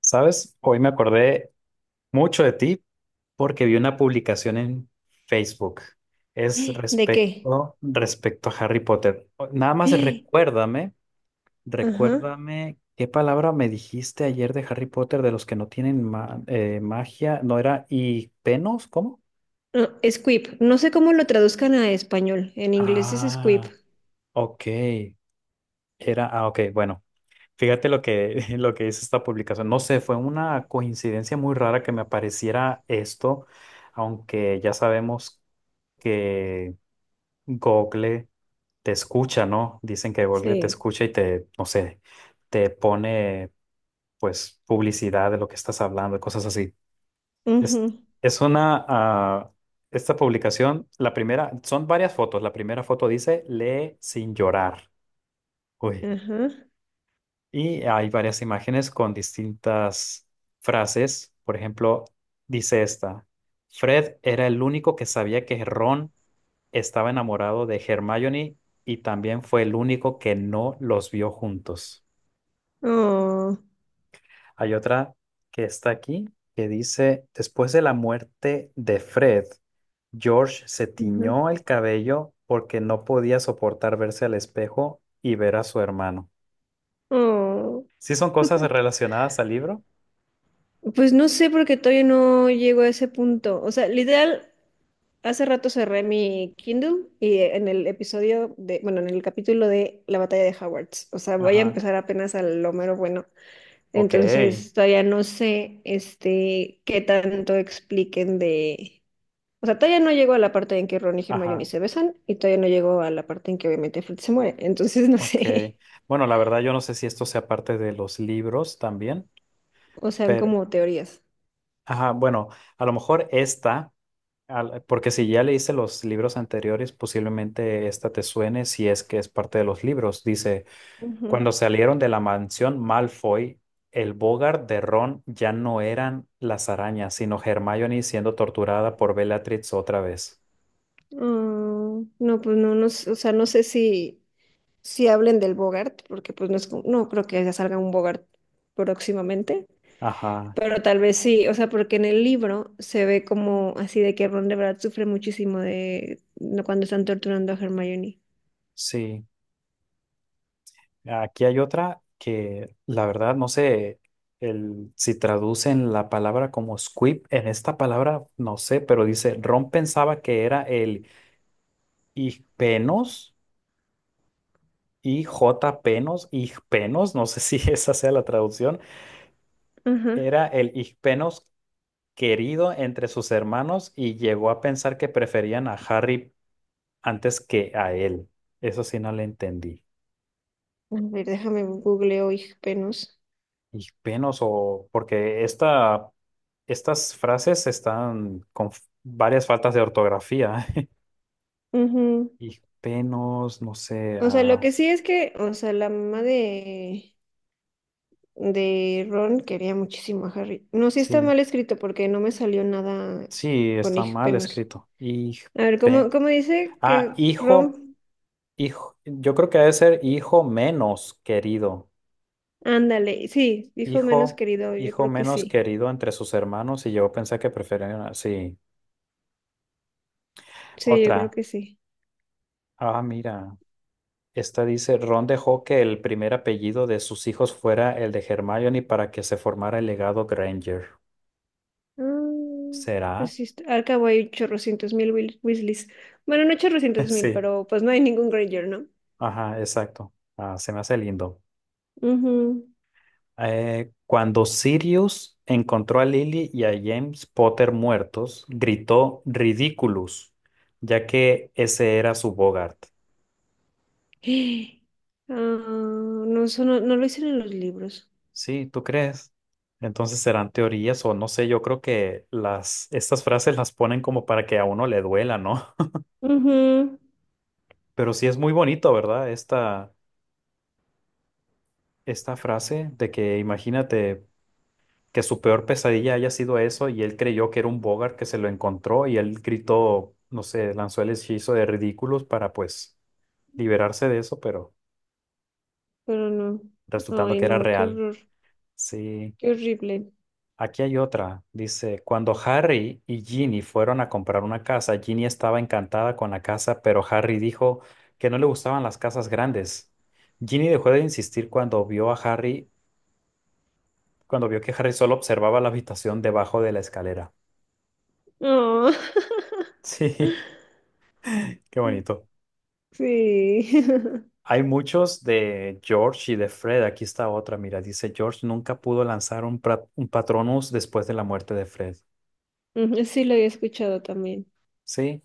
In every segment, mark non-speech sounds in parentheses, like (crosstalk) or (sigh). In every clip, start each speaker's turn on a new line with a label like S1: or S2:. S1: ¿Sabes? Hoy me acordé mucho de ti porque vi una publicación en Facebook. Es
S2: ¿De qué?
S1: respecto a Harry Potter. Nada más recuérdame,
S2: Ajá.
S1: recuérdame qué palabra me dijiste ayer de Harry Potter de los que no tienen magia. ¿No era y penos? ¿Cómo?
S2: No, Squib. No sé cómo lo traduzcan a español. En inglés es Squib.
S1: Ah, ok. Era, ah, ok, bueno. Fíjate (laughs) lo que dice esta publicación. No sé, fue una coincidencia muy rara que me apareciera esto, aunque ya sabemos que Google te escucha, ¿no? Dicen que Google te
S2: Sí.
S1: escucha y te, no sé, te pone pues publicidad de lo que estás hablando, cosas así. Es,
S2: Ujú.
S1: es una, esta publicación, la primera, son varias fotos. La primera foto dice, lee sin llorar. Uy.
S2: Ajá.
S1: Y hay varias imágenes con distintas frases. Por ejemplo, dice esta, Fred era el único que sabía que Ron estaba enamorado de Hermione y también fue el único que no los vio juntos.
S2: Oh.
S1: Hay otra que está aquí que dice, después de la muerte de Fred, George se
S2: Ajá.
S1: tiñó el cabello porque no podía soportar verse al espejo y ver a su hermano.
S2: Oh.
S1: ¿Sí son cosas relacionadas al libro?
S2: Pues no sé porque todavía no llego a ese punto. O sea, literal, hace rato cerré mi Kindle y en el episodio de, bueno, en el capítulo de la batalla de Hogwarts. O sea, voy a
S1: Ajá.
S2: empezar apenas al lo mero bueno.
S1: Ok,
S2: Entonces, todavía no sé, este, qué tanto expliquen de... O sea, todavía no llegó a la parte en que Ron y Hermione
S1: ajá,
S2: se besan y todavía no llegó a la parte en que obviamente Fred se muere. Entonces, no
S1: ok.
S2: sé. (laughs)
S1: Bueno, la verdad yo no sé si esto sea parte de los libros también,
S2: O sea,
S1: pero,
S2: como teorías.
S1: ajá, bueno, a lo mejor esta, porque si ya leíste los libros anteriores, posiblemente esta te suene si es que es parte de los libros. Dice,
S2: Ujú.
S1: cuando salieron de la mansión Malfoy, el Bogart de Ron ya no eran las arañas, sino Hermione siendo torturada por Bellatrix otra vez.
S2: Ah, no, pues no, sé, o sea, no sé si, si hablen del Bogart, porque pues no es, como... no creo que ya salga un Bogart próximamente,
S1: Ajá,
S2: pero tal vez sí, o sea, porque en el libro se ve como así de que Ron de verdad sufre muchísimo de no, cuando están torturando a Hermione.
S1: sí. Aquí hay otra que la verdad no sé el, si traducen la palabra como squib en esta palabra, no sé, pero dice, Ron pensaba que era el igpenos, IJpenos, igpenos, no sé si (laughs) esa sea la traducción,
S2: Ajá.
S1: era el igpenos querido entre sus hermanos y llegó a pensar que preferían a Harry antes que a él. Eso sí no le entendí.
S2: A ver, déjame googleo, hija, penos.
S1: Y penos o porque estas frases están con varias faltas de ortografía. (laughs) Y penos, no sé,
S2: O sea, lo que sí es que, o sea, la mamá de Ron quería muchísimo a Harry. No, sí está
S1: sí,
S2: mal escrito porque no me salió nada
S1: sí,
S2: con
S1: está mal
S2: hijpenos.
S1: escrito. Y
S2: A ver, ¿
S1: pe-
S2: cómo dice
S1: ah,
S2: que
S1: hijo,
S2: Ron?
S1: hijo, yo creo que debe ser hijo menos querido.
S2: Ándale, sí, hijo menos
S1: Hijo,
S2: querido, yo
S1: hijo
S2: creo que
S1: menos
S2: sí.
S1: querido entre sus hermanos y yo pensé que preferían, sí,
S2: Sí, yo creo
S1: otra.
S2: que sí.
S1: Ah, mira. Esta dice, Ron dejó que el primer apellido de sus hijos fuera el de Hermione para que se formara el legado Granger.
S2: Ah,
S1: ¿Será?
S2: pues sí, está... al cabo hay chorrocientos mil Wil- Weasleys. Bueno, no
S1: (laughs)
S2: chorrocientos mil,
S1: Sí.
S2: pero pues no hay ningún Granger, ¿no?
S1: Ajá, exacto. Ah, se me hace lindo.
S2: Ujú.
S1: Cuando Sirius encontró a Lily y a James Potter muertos, gritó Ridiculous, ya que ese era su Bogart.
S2: (gasps) Ah, no, eso no, no lo hicieron en los libros.
S1: Sí, ¿tú crees? Entonces serán teorías o no sé, yo creo que las, estas frases las ponen como para que a uno le duela, ¿no?
S2: Ujú.
S1: Pero sí es muy bonito, ¿verdad? Esta frase de que imagínate que su peor pesadilla haya sido eso y él creyó que era un Bogart que se lo encontró y él gritó, no sé, lanzó el hechizo de ridículos para pues liberarse de eso, pero
S2: Pero no.
S1: resultando
S2: Ay,
S1: que era
S2: no, qué
S1: real.
S2: horror.
S1: Sí.
S2: Qué horrible.
S1: Aquí hay otra. Dice, cuando Harry y Ginny fueron a comprar una casa, Ginny estaba encantada con la casa, pero Harry dijo que no le gustaban las casas grandes. Ginny dejó de insistir cuando vio a Harry cuando vio que Harry solo observaba la habitación debajo de la escalera.
S2: Oh,
S1: Sí, (laughs) qué bonito.
S2: (laughs) sí. (laughs)
S1: Hay muchos de George y de Fred. Aquí está otra, mira, dice George nunca pudo lanzar un Patronus después de la muerte de Fred.
S2: Ujú, sí, lo había escuchado también.
S1: Sí,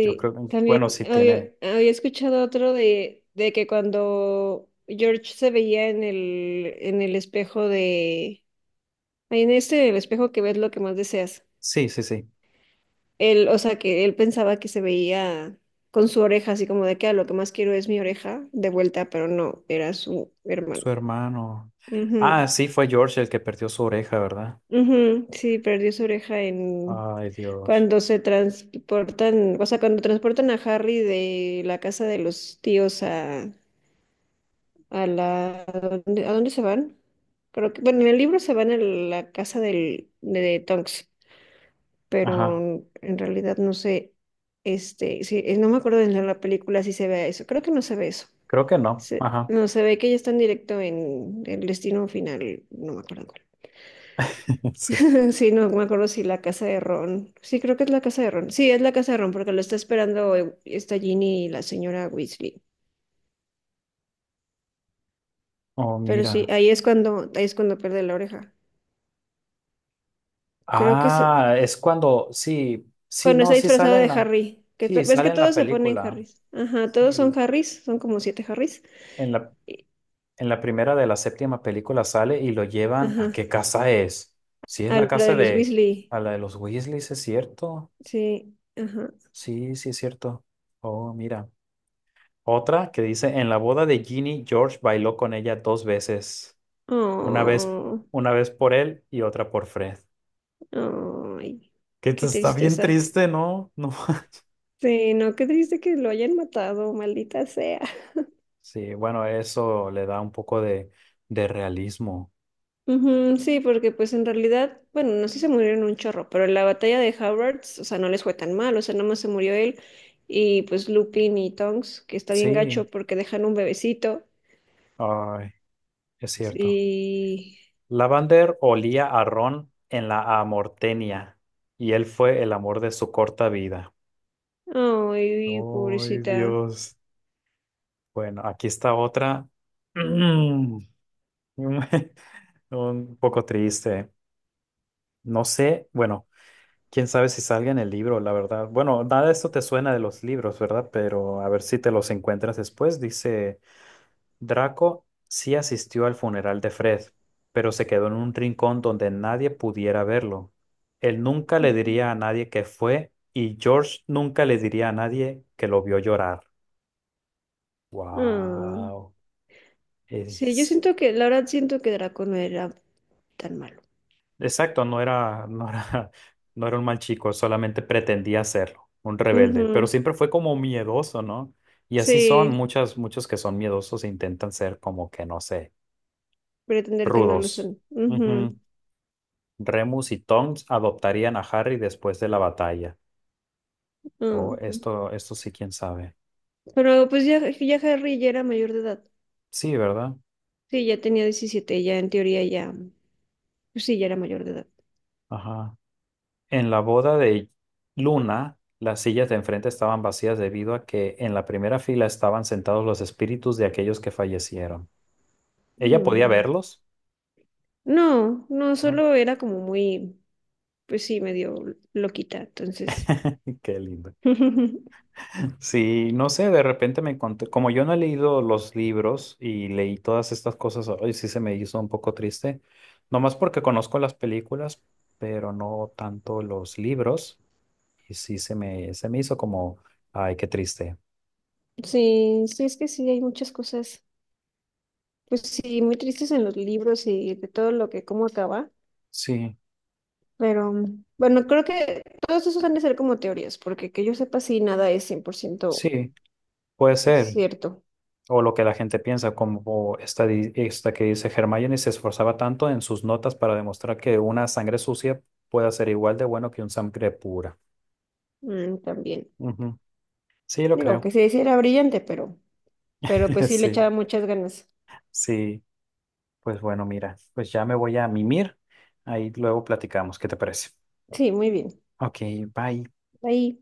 S1: yo creo, bueno,
S2: también
S1: sí tiene,
S2: había escuchado otro de que cuando George se veía en el espejo de... Ay, en este, el espejo que ves lo que más deseas.
S1: sí, sí, sí,
S2: Él, o sea, que él pensaba que se veía con su oreja, así como de que "Ah, lo que más quiero es mi oreja de vuelta", pero no, era su hermano.
S1: su hermano. Ah,
S2: Ujú.
S1: sí, fue George el que perdió su oreja, ¿verdad?
S2: Ujú, sí, perdió su oreja en...
S1: Ay, Dios.
S2: cuando se transportan, o sea, cuando transportan a Harry de la casa de los tíos a la, a dónde se van? Creo que, bueno, en el libro se van a la casa del, de, Tonks,
S1: Ajá,
S2: pero en realidad no sé, este, sí, no me acuerdo de la película si se ve eso, creo que no se ve eso.
S1: creo que no,
S2: Se-
S1: ajá,
S2: no, se ve que ya están directo en el destino final, no me acuerdo.
S1: (laughs) sí.
S2: Sí, no me acuerdo si la casa de Ron. Sí, creo que es la casa de Ron. Sí, es la casa de Ron porque lo está esperando esta Ginny y la señora Weasley.
S1: Oh,
S2: Pero sí,
S1: mira.
S2: ahí es cuando pierde la oreja. Creo que es
S1: Ah, es cuando, sí, sí,
S2: cuando
S1: no,
S2: está
S1: sí
S2: disfrazado
S1: sale en
S2: de Harry. Que to-
S1: sí,
S2: ves
S1: sale
S2: que
S1: en la
S2: todos se ponen
S1: película.
S2: Harrys. Ajá, todos son
S1: Sí,
S2: Harrys, son como siete Harrys.
S1: en la,
S2: Y-
S1: en la primera de la séptima película sale y lo llevan a
S2: Ajá.
S1: qué casa es. Sí, es
S2: A
S1: la
S2: lo de
S1: casa
S2: los
S1: de,
S2: Weasley.
S1: a la de los Weasleys, ¿es cierto?
S2: Sí, ajá.
S1: Sí, sí, es cierto. Oh, mira. Otra que dice, en la boda de Ginny, George bailó con ella dos veces. Una vez,
S2: Oh,
S1: una vez por él y otra por Fred.
S2: ay,
S1: Que esto
S2: qué
S1: está bien
S2: tristeza.
S1: triste, ¿no? (laughs) No.
S2: Sí, no, qué triste que lo hayan matado, maldita sea.
S1: Sí, bueno, eso le da un poco de realismo.
S2: Ujú, sí, porque pues en realidad, bueno, no sé si se murieron un chorro, pero en la batalla de Howards, o sea, no les fue tan mal, o sea, nomás se murió él y pues Lupin y Tonks, que está bien
S1: Sí,
S2: gacho porque dejan un bebecito
S1: ay, es cierto.
S2: y...
S1: Lavander olía a Ron en la Amortenia y él fue el amor de su corta vida.
S2: Ay,
S1: Ay,
S2: pobrecita.
S1: Dios. Bueno, aquí está otra. Mm, (laughs) Un poco triste. No sé, bueno, quién sabe si salga en el libro, la verdad. Bueno, nada de esto te suena de los libros, ¿verdad? Pero a ver si te los encuentras después, dice. Draco sí asistió al funeral de Fred, pero se quedó en un rincón donde nadie pudiera verlo. Él nunca le
S2: Ujú.
S1: diría a nadie que fue y George nunca le diría a nadie que lo vio llorar.
S2: Ah,
S1: Wow.
S2: sí, yo
S1: Es-
S2: siento que, la verdad siento que Draco no era tan malo.
S1: Exacto, no era, (laughs) no era un mal chico, solamente pretendía serlo, un rebelde, pero
S2: Ujú,
S1: siempre fue como miedoso, ¿no? Y así son
S2: sí,
S1: muchos que son miedosos e intentan ser como que, no sé,
S2: pretender que no lo
S1: rudos.
S2: son. Ujú,
S1: Remus y Tonks adoptarían a Harry después de la batalla. Oh,
S2: ah.
S1: esto sí, quién sabe.
S2: Pero pues ya, ya Harry ya era mayor de edad.
S1: Sí, ¿verdad?
S2: Sí, ya tenía 17, ya en teoría ya, pues sí, ya era mayor de edad.
S1: Ajá. En la boda de Luna, las sillas de enfrente estaban vacías debido a que en la primera fila estaban sentados los espíritus de aquellos que fallecieron. ¿Ella podía
S2: Mm.
S1: verlos?
S2: No, no,
S1: ¿No?
S2: solo era como muy, pues sí, medio loquita, entonces.
S1: (laughs) Qué lindo.
S2: (laughs)
S1: Sí, no sé, de repente me encontré, como yo no he leído los libros y leí todas estas cosas, hoy sí se me hizo un poco triste, nomás porque conozco las películas, pero no tanto los libros, y sí se me hizo como, ay, qué triste.
S2: Sí, sí, es que sí, hay muchas cosas, pues sí, muy tristes en los libros y de todo lo que, cómo acaba,
S1: Sí,
S2: pero mm, bueno, creo que todos esos han de ser como teorías, porque que yo sepa, sí, nada es 100%
S1: sí, puede ser,
S2: cierto.
S1: o lo que la gente piensa, como esta que dice Hermione se esforzaba tanto en sus notas para demostrar que una sangre sucia puede ser igual de bueno que un sangre pura.
S2: Mm, también.
S1: Ujú. Sí, lo
S2: Digo, que
S1: creo,
S2: sí, sí era brillante, pero pues
S1: (laughs)
S2: sí le
S1: sí.
S2: echaba muchas ganas.
S1: Sí, pues bueno, mira, pues ya me voy a mimir. Ahí luego platicamos, ¿qué te parece?
S2: Sí, muy bien.
S1: Ok, bye.
S2: Ahí.